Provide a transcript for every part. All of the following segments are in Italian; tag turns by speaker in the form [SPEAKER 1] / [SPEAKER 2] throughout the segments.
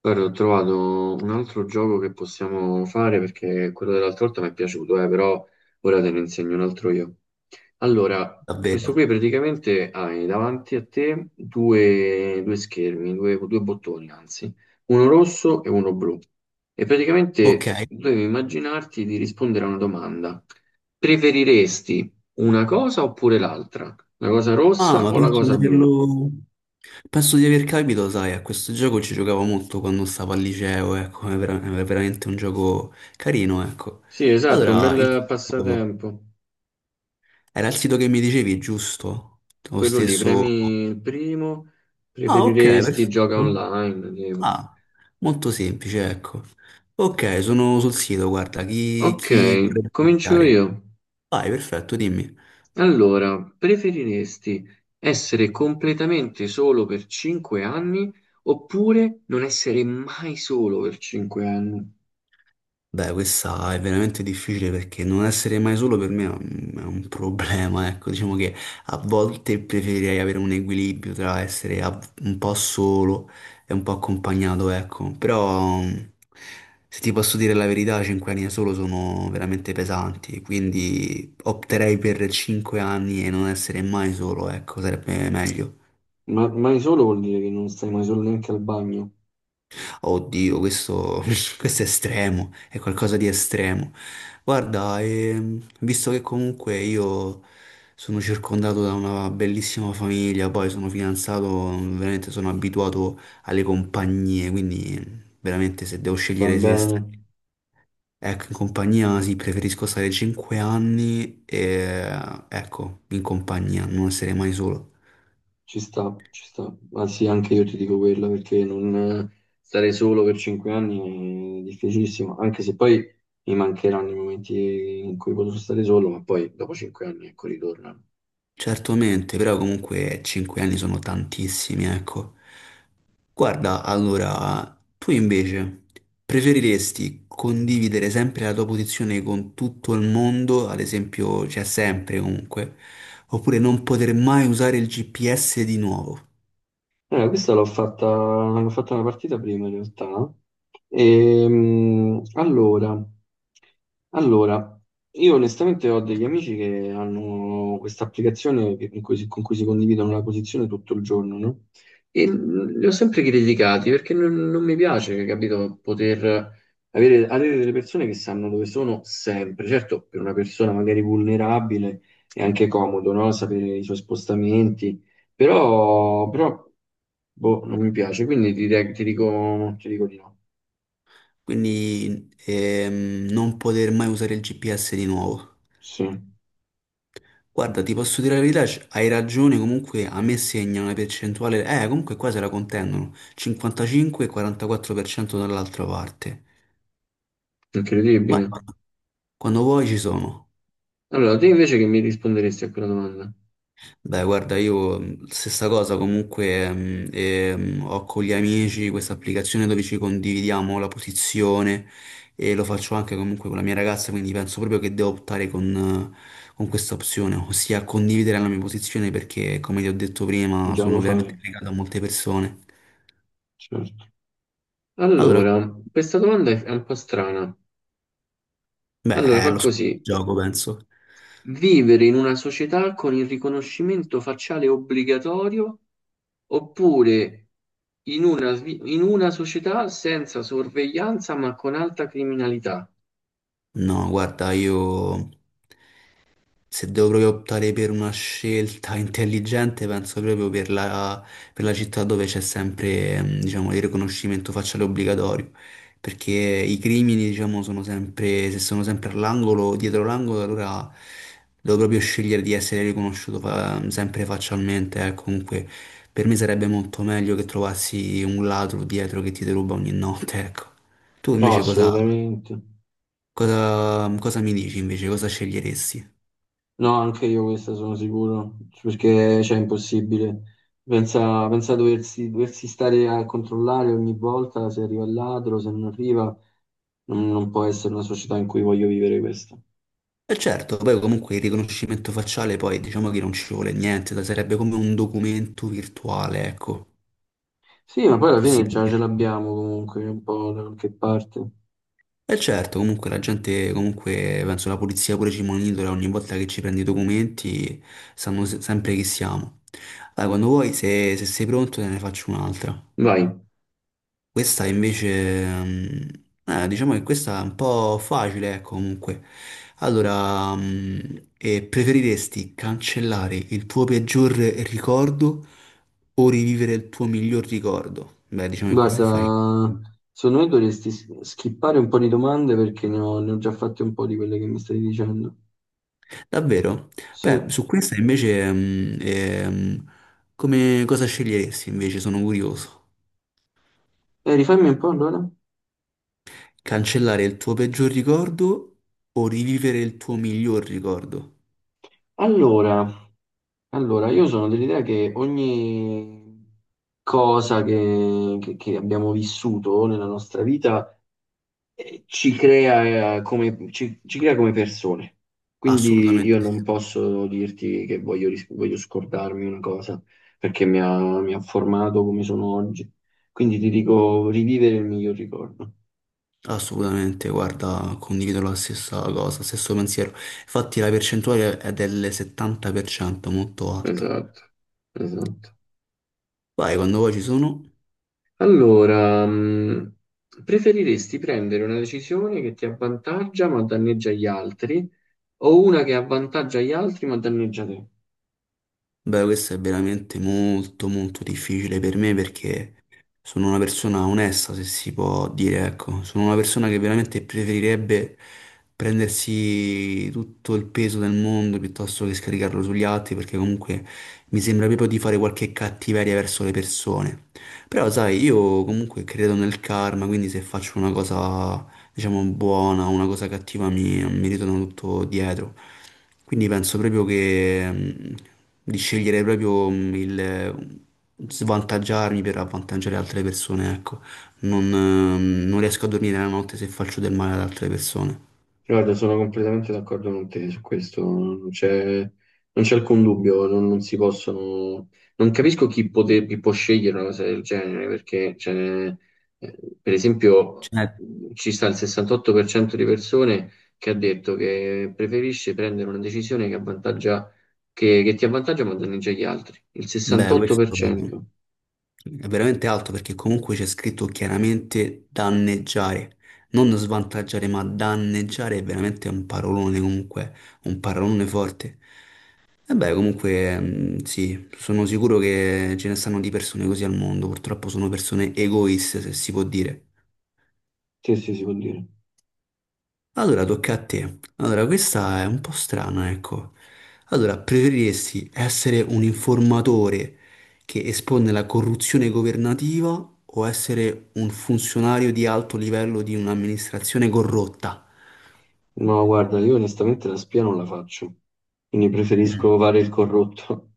[SPEAKER 1] Guarda, ho trovato un altro gioco che possiamo fare perché quello dell'altra volta mi è piaciuto, però ora te ne insegno un altro io. Allora, questo
[SPEAKER 2] Davvero?
[SPEAKER 1] qui praticamente hai davanti a te due schermi, due bottoni anzi, uno rosso e uno blu. E
[SPEAKER 2] Ok.
[SPEAKER 1] praticamente devi immaginarti di rispondere a una domanda. Preferiresti una cosa oppure l'altra? La cosa
[SPEAKER 2] Ah,
[SPEAKER 1] rossa
[SPEAKER 2] ma
[SPEAKER 1] o la
[SPEAKER 2] penso di
[SPEAKER 1] cosa blu?
[SPEAKER 2] averlo... Penso di aver capito, sai, a questo gioco ci giocavo molto quando stavo al liceo, ecco, è, è veramente un gioco carino, ecco.
[SPEAKER 1] Sì, esatto, un
[SPEAKER 2] Allora, il...
[SPEAKER 1] bel passatempo.
[SPEAKER 2] era il sito che mi dicevi, giusto? Lo
[SPEAKER 1] Quello lì,
[SPEAKER 2] stesso...
[SPEAKER 1] premi il primo,
[SPEAKER 2] Ah, ok,
[SPEAKER 1] preferiresti gioca
[SPEAKER 2] perfetto.
[SPEAKER 1] online, tipo.
[SPEAKER 2] Ah, molto semplice, ecco. Ok, sono sul sito, guarda,
[SPEAKER 1] Ok,
[SPEAKER 2] chi vuole
[SPEAKER 1] comincio
[SPEAKER 2] iniziare?
[SPEAKER 1] io.
[SPEAKER 2] Vai, perfetto, dimmi.
[SPEAKER 1] Allora, preferiresti essere completamente solo per 5 anni oppure non essere mai solo per 5 anni?
[SPEAKER 2] Beh, questa è veramente difficile perché non essere mai solo per me è è un problema, ecco, diciamo che a volte preferirei avere un equilibrio tra essere un po' solo e un po' accompagnato, ecco, però se ti posso dire la verità, 5 anni da solo sono veramente pesanti, quindi opterei per 5 anni e non essere mai solo, ecco, sarebbe meglio.
[SPEAKER 1] Ma mai solo vuol dire che non stai mai solo neanche al bagno.
[SPEAKER 2] Oddio, questo, questo è estremo, è qualcosa di estremo. Guarda, visto che comunque io sono circondato da una bellissima famiglia, poi sono fidanzato, veramente sono abituato alle compagnie, quindi veramente se devo
[SPEAKER 1] Va
[SPEAKER 2] scegliere se stare,
[SPEAKER 1] bene.
[SPEAKER 2] ecco, in compagnia sì, preferisco stare 5 anni e ecco, in compagnia, non essere mai solo.
[SPEAKER 1] Ci sta, ci sta. Anzi, anche io ti dico quella perché non stare solo per 5 anni è difficilissimo, anche se poi mi mancheranno i momenti in cui potrò stare solo, ma poi dopo 5 anni, ecco, ritornano.
[SPEAKER 2] Certamente, però comunque 5 anni sono tantissimi, ecco. Guarda, allora, tu invece preferiresti condividere sempre la tua posizione con tutto il mondo, ad esempio, cioè sempre comunque, oppure non poter mai usare il GPS di nuovo?
[SPEAKER 1] Questa l'ho fatta una partita prima in realtà. Ehm, allora, allora, io onestamente ho degli amici che hanno questa applicazione con cui si condividono la posizione tutto il giorno, no? E li ho sempre criticati perché non mi piace, capito, poter avere delle persone che sanno dove sono sempre. Certo, per una persona magari vulnerabile è anche comodo, no? Sapere i suoi spostamenti. Però, boh, non mi piace, quindi ti dico di no.
[SPEAKER 2] Quindi non poter mai usare il GPS di nuovo.
[SPEAKER 1] Sì,
[SPEAKER 2] Guarda, ti posso dire la verità, hai ragione, comunque a me segna una percentuale, comunque qua se la contendono, 55 e 44% dall'altra parte. Vai,
[SPEAKER 1] incredibile.
[SPEAKER 2] quando vuoi ci sono.
[SPEAKER 1] Allora, te invece che mi risponderesti a quella domanda?
[SPEAKER 2] Beh, guarda, io, stessa cosa comunque ho con gli amici questa applicazione dove ci condividiamo la posizione e lo faccio anche comunque con la mia ragazza, quindi penso proprio che devo optare con questa opzione, ossia condividere la mia posizione perché, come ti ho detto prima,
[SPEAKER 1] Già
[SPEAKER 2] sono
[SPEAKER 1] lo fai,
[SPEAKER 2] veramente legato a molte persone.
[SPEAKER 1] certo.
[SPEAKER 2] Allora,
[SPEAKER 1] Allora, questa domanda è un po' strana.
[SPEAKER 2] beh,
[SPEAKER 1] Allora,
[SPEAKER 2] è
[SPEAKER 1] fa
[SPEAKER 2] lo scopo
[SPEAKER 1] così.
[SPEAKER 2] del gioco, penso.
[SPEAKER 1] Vivere in una società con il riconoscimento facciale obbligatorio oppure in una società senza sorveglianza ma con alta criminalità?
[SPEAKER 2] No, guarda, io. Se devo proprio optare per una scelta intelligente, penso proprio per per la città dove c'è sempre, diciamo, il riconoscimento facciale obbligatorio, perché i crimini, diciamo, sono sempre, se sono sempre all'angolo, dietro l'angolo, allora devo proprio scegliere di essere riconosciuto sempre faccialmente, eh. Comunque, per me sarebbe molto meglio che trovassi un ladro dietro che ti deruba ogni notte, ecco. Tu
[SPEAKER 1] No,
[SPEAKER 2] invece
[SPEAKER 1] assolutamente.
[SPEAKER 2] cosa mi dici invece, cosa sceglieresti?
[SPEAKER 1] No, anche io questa sono sicuro, perché cioè, è impossibile. Pensa, pensa a doversi stare a controllare ogni volta se arriva il ladro, se non arriva, non può essere una società in cui voglio vivere questa.
[SPEAKER 2] E certo, poi comunque il riconoscimento facciale poi diciamo che non ci vuole niente, sarebbe come un documento virtuale, ecco,
[SPEAKER 1] Sì, ma poi alla
[SPEAKER 2] se si
[SPEAKER 1] fine
[SPEAKER 2] può
[SPEAKER 1] già ce
[SPEAKER 2] dire.
[SPEAKER 1] l'abbiamo comunque, un po' da qualche parte.
[SPEAKER 2] E certo, comunque la gente, comunque penso la polizia pure ci monitora ogni volta che ci prendi i documenti, sanno sempre chi siamo. Allora, quando vuoi, se sei pronto, te ne faccio un'altra.
[SPEAKER 1] Vai.
[SPEAKER 2] Questa invece, diciamo che questa è un po' facile, ecco, comunque. Allora, preferiresti cancellare il tuo peggior ricordo o rivivere il tuo miglior ricordo? Beh, diciamo che questo è facile.
[SPEAKER 1] Guarda, secondo me dovresti skippare un po' di domande perché ne ho già fatte un po' di quelle che mi stai dicendo.
[SPEAKER 2] Davvero?
[SPEAKER 1] Sì,
[SPEAKER 2] Beh,
[SPEAKER 1] e
[SPEAKER 2] su questa invece, come cosa sceglieresti invece? Sono curioso.
[SPEAKER 1] rifammi un po' allora.
[SPEAKER 2] Cancellare il tuo peggior ricordo o rivivere il tuo miglior ricordo?
[SPEAKER 1] Allora, Allora, io sono dell'idea che ogni cosa che abbiamo vissuto nella nostra vita ci crea, come, ci, ci crea come persone. Quindi
[SPEAKER 2] Assolutamente
[SPEAKER 1] io non
[SPEAKER 2] sì.
[SPEAKER 1] posso dirti che voglio scordarmi una cosa, perché mi ha formato come sono oggi. Quindi ti dico rivivere il miglior ricordo.
[SPEAKER 2] Assolutamente, guarda, condivido la stessa cosa, stesso pensiero. Infatti la percentuale è del 70%, molto alta.
[SPEAKER 1] Esatto, esatto.
[SPEAKER 2] Vai, quando vuoi ci sono.
[SPEAKER 1] Allora, preferiresti prendere una decisione che ti avvantaggia ma danneggia gli altri o una che avvantaggia gli altri ma danneggia te?
[SPEAKER 2] Beh, questo è veramente molto molto difficile per me perché sono una persona onesta, se si può dire, ecco. Sono una persona che veramente preferirebbe prendersi tutto il peso del mondo piuttosto che scaricarlo sugli altri, perché comunque mi sembra proprio di fare qualche cattiveria verso le persone. Però, sai, io comunque credo nel karma, quindi se faccio una cosa diciamo, buona, o una cosa cattiva mi ritorna tutto dietro. Quindi penso proprio che di scegliere proprio il svantaggiarmi per avvantaggiare altre persone, ecco. Non riesco a dormire la notte se faccio del male ad altre persone.
[SPEAKER 1] Guarda, sono completamente d'accordo con te su questo, non c'è alcun dubbio, non si possono. Non capisco chi può scegliere una cosa del genere, perché cioè, per esempio
[SPEAKER 2] Cioè,
[SPEAKER 1] ci sta il 68% di persone che ha detto che preferisce prendere una decisione che ti avvantaggia ma danneggia gli altri. Il
[SPEAKER 2] beh, questo
[SPEAKER 1] 68%.
[SPEAKER 2] è veramente alto perché comunque c'è scritto chiaramente danneggiare. Non svantaggiare, ma danneggiare è veramente un parolone comunque, un parolone forte. E beh, comunque, sì, sono sicuro che ce ne stanno di persone così al mondo, purtroppo sono persone egoiste, se si può dire.
[SPEAKER 1] Sì, sì, si può dire.
[SPEAKER 2] Allora, tocca a te. Allora, questa è un po' strana, ecco. Allora, preferiresti essere un informatore che espone la corruzione governativa o essere un funzionario di alto livello di un'amministrazione corrotta?
[SPEAKER 1] No, guarda, io onestamente la spia non la faccio, quindi preferisco fare il corrotto.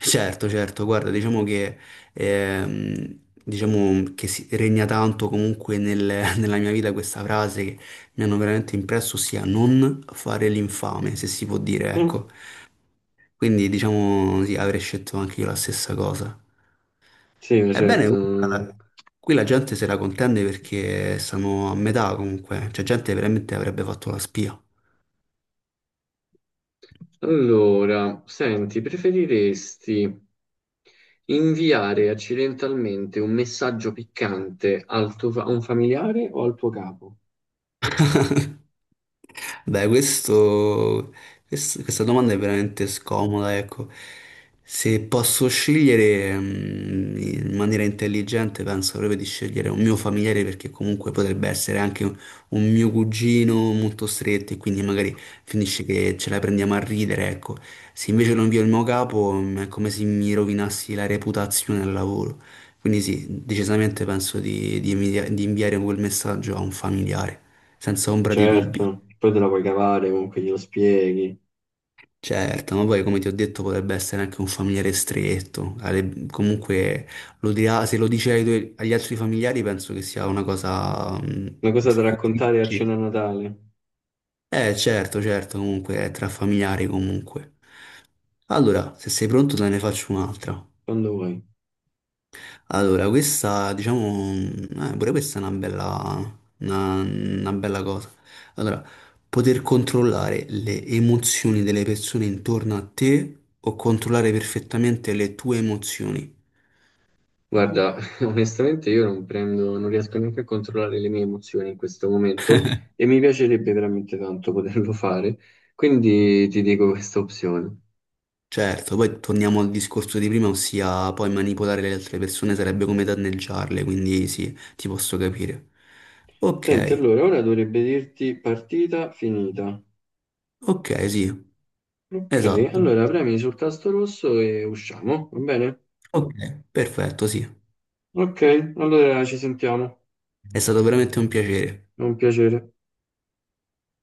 [SPEAKER 2] Certo, certo, guarda, ehm, diciamo che regna tanto comunque nella mia vita questa frase che mi hanno veramente impresso, ossia non fare l'infame, se si può dire, ecco. Quindi diciamo sì, avrei scelto anche io la stessa cosa.
[SPEAKER 1] Sì, ma
[SPEAKER 2] Ebbene,
[SPEAKER 1] certo.
[SPEAKER 2] guarda, qui la gente se la contende perché stanno a metà comunque, cioè gente veramente avrebbe fatto la spia.
[SPEAKER 1] Allora, senti, preferiresti inviare accidentalmente un messaggio piccante a un familiare o al tuo capo?
[SPEAKER 2] Dai, questo, questa domanda è veramente scomoda, ecco. Se posso scegliere in maniera intelligente, penso proprio di scegliere un mio familiare perché comunque potrebbe essere anche un mio cugino molto stretto e quindi magari finisce che ce la prendiamo a ridere, ecco. Se invece lo invio il mio capo, è come se mi rovinassi la reputazione al lavoro. Quindi sì, decisamente penso di inviare quel messaggio a un familiare, senza ombra di dubbio.
[SPEAKER 1] Certo, poi te la puoi cavare comunque glielo spieghi.
[SPEAKER 2] Certo, ma poi come ti ho detto potrebbe essere anche un familiare stretto, comunque lo dirà, se lo dice agli altri familiari penso che sia una cosa
[SPEAKER 1] Una cosa
[SPEAKER 2] su
[SPEAKER 1] da
[SPEAKER 2] cui
[SPEAKER 1] raccontare a
[SPEAKER 2] dici.
[SPEAKER 1] cena a Natale,
[SPEAKER 2] Eh certo, certo, comunque è tra familiari comunque. Allora, se sei pronto te ne faccio un'altra.
[SPEAKER 1] quando vuoi.
[SPEAKER 2] Allora, questa, diciamo, pure questa è una bella, una bella cosa. Allora, poter controllare le emozioni delle persone intorno a te o controllare perfettamente le tue emozioni.
[SPEAKER 1] Guarda, onestamente io non riesco neanche a controllare le mie emozioni in questo momento e mi piacerebbe veramente tanto poterlo fare, quindi ti dico questa opzione.
[SPEAKER 2] Certo, poi torniamo al discorso di prima, ossia poi manipolare le altre persone sarebbe come danneggiarle, quindi sì, ti posso capire.
[SPEAKER 1] Senti,
[SPEAKER 2] Ok,
[SPEAKER 1] allora ora dovrebbe dirti partita finita.
[SPEAKER 2] ok, sì,
[SPEAKER 1] Ok,
[SPEAKER 2] esatto.
[SPEAKER 1] allora premi sul tasto rosso e usciamo, va bene?
[SPEAKER 2] Ok, perfetto, sì.
[SPEAKER 1] Ok, allora ci sentiamo.
[SPEAKER 2] È stato veramente un piacere.
[SPEAKER 1] È un piacere.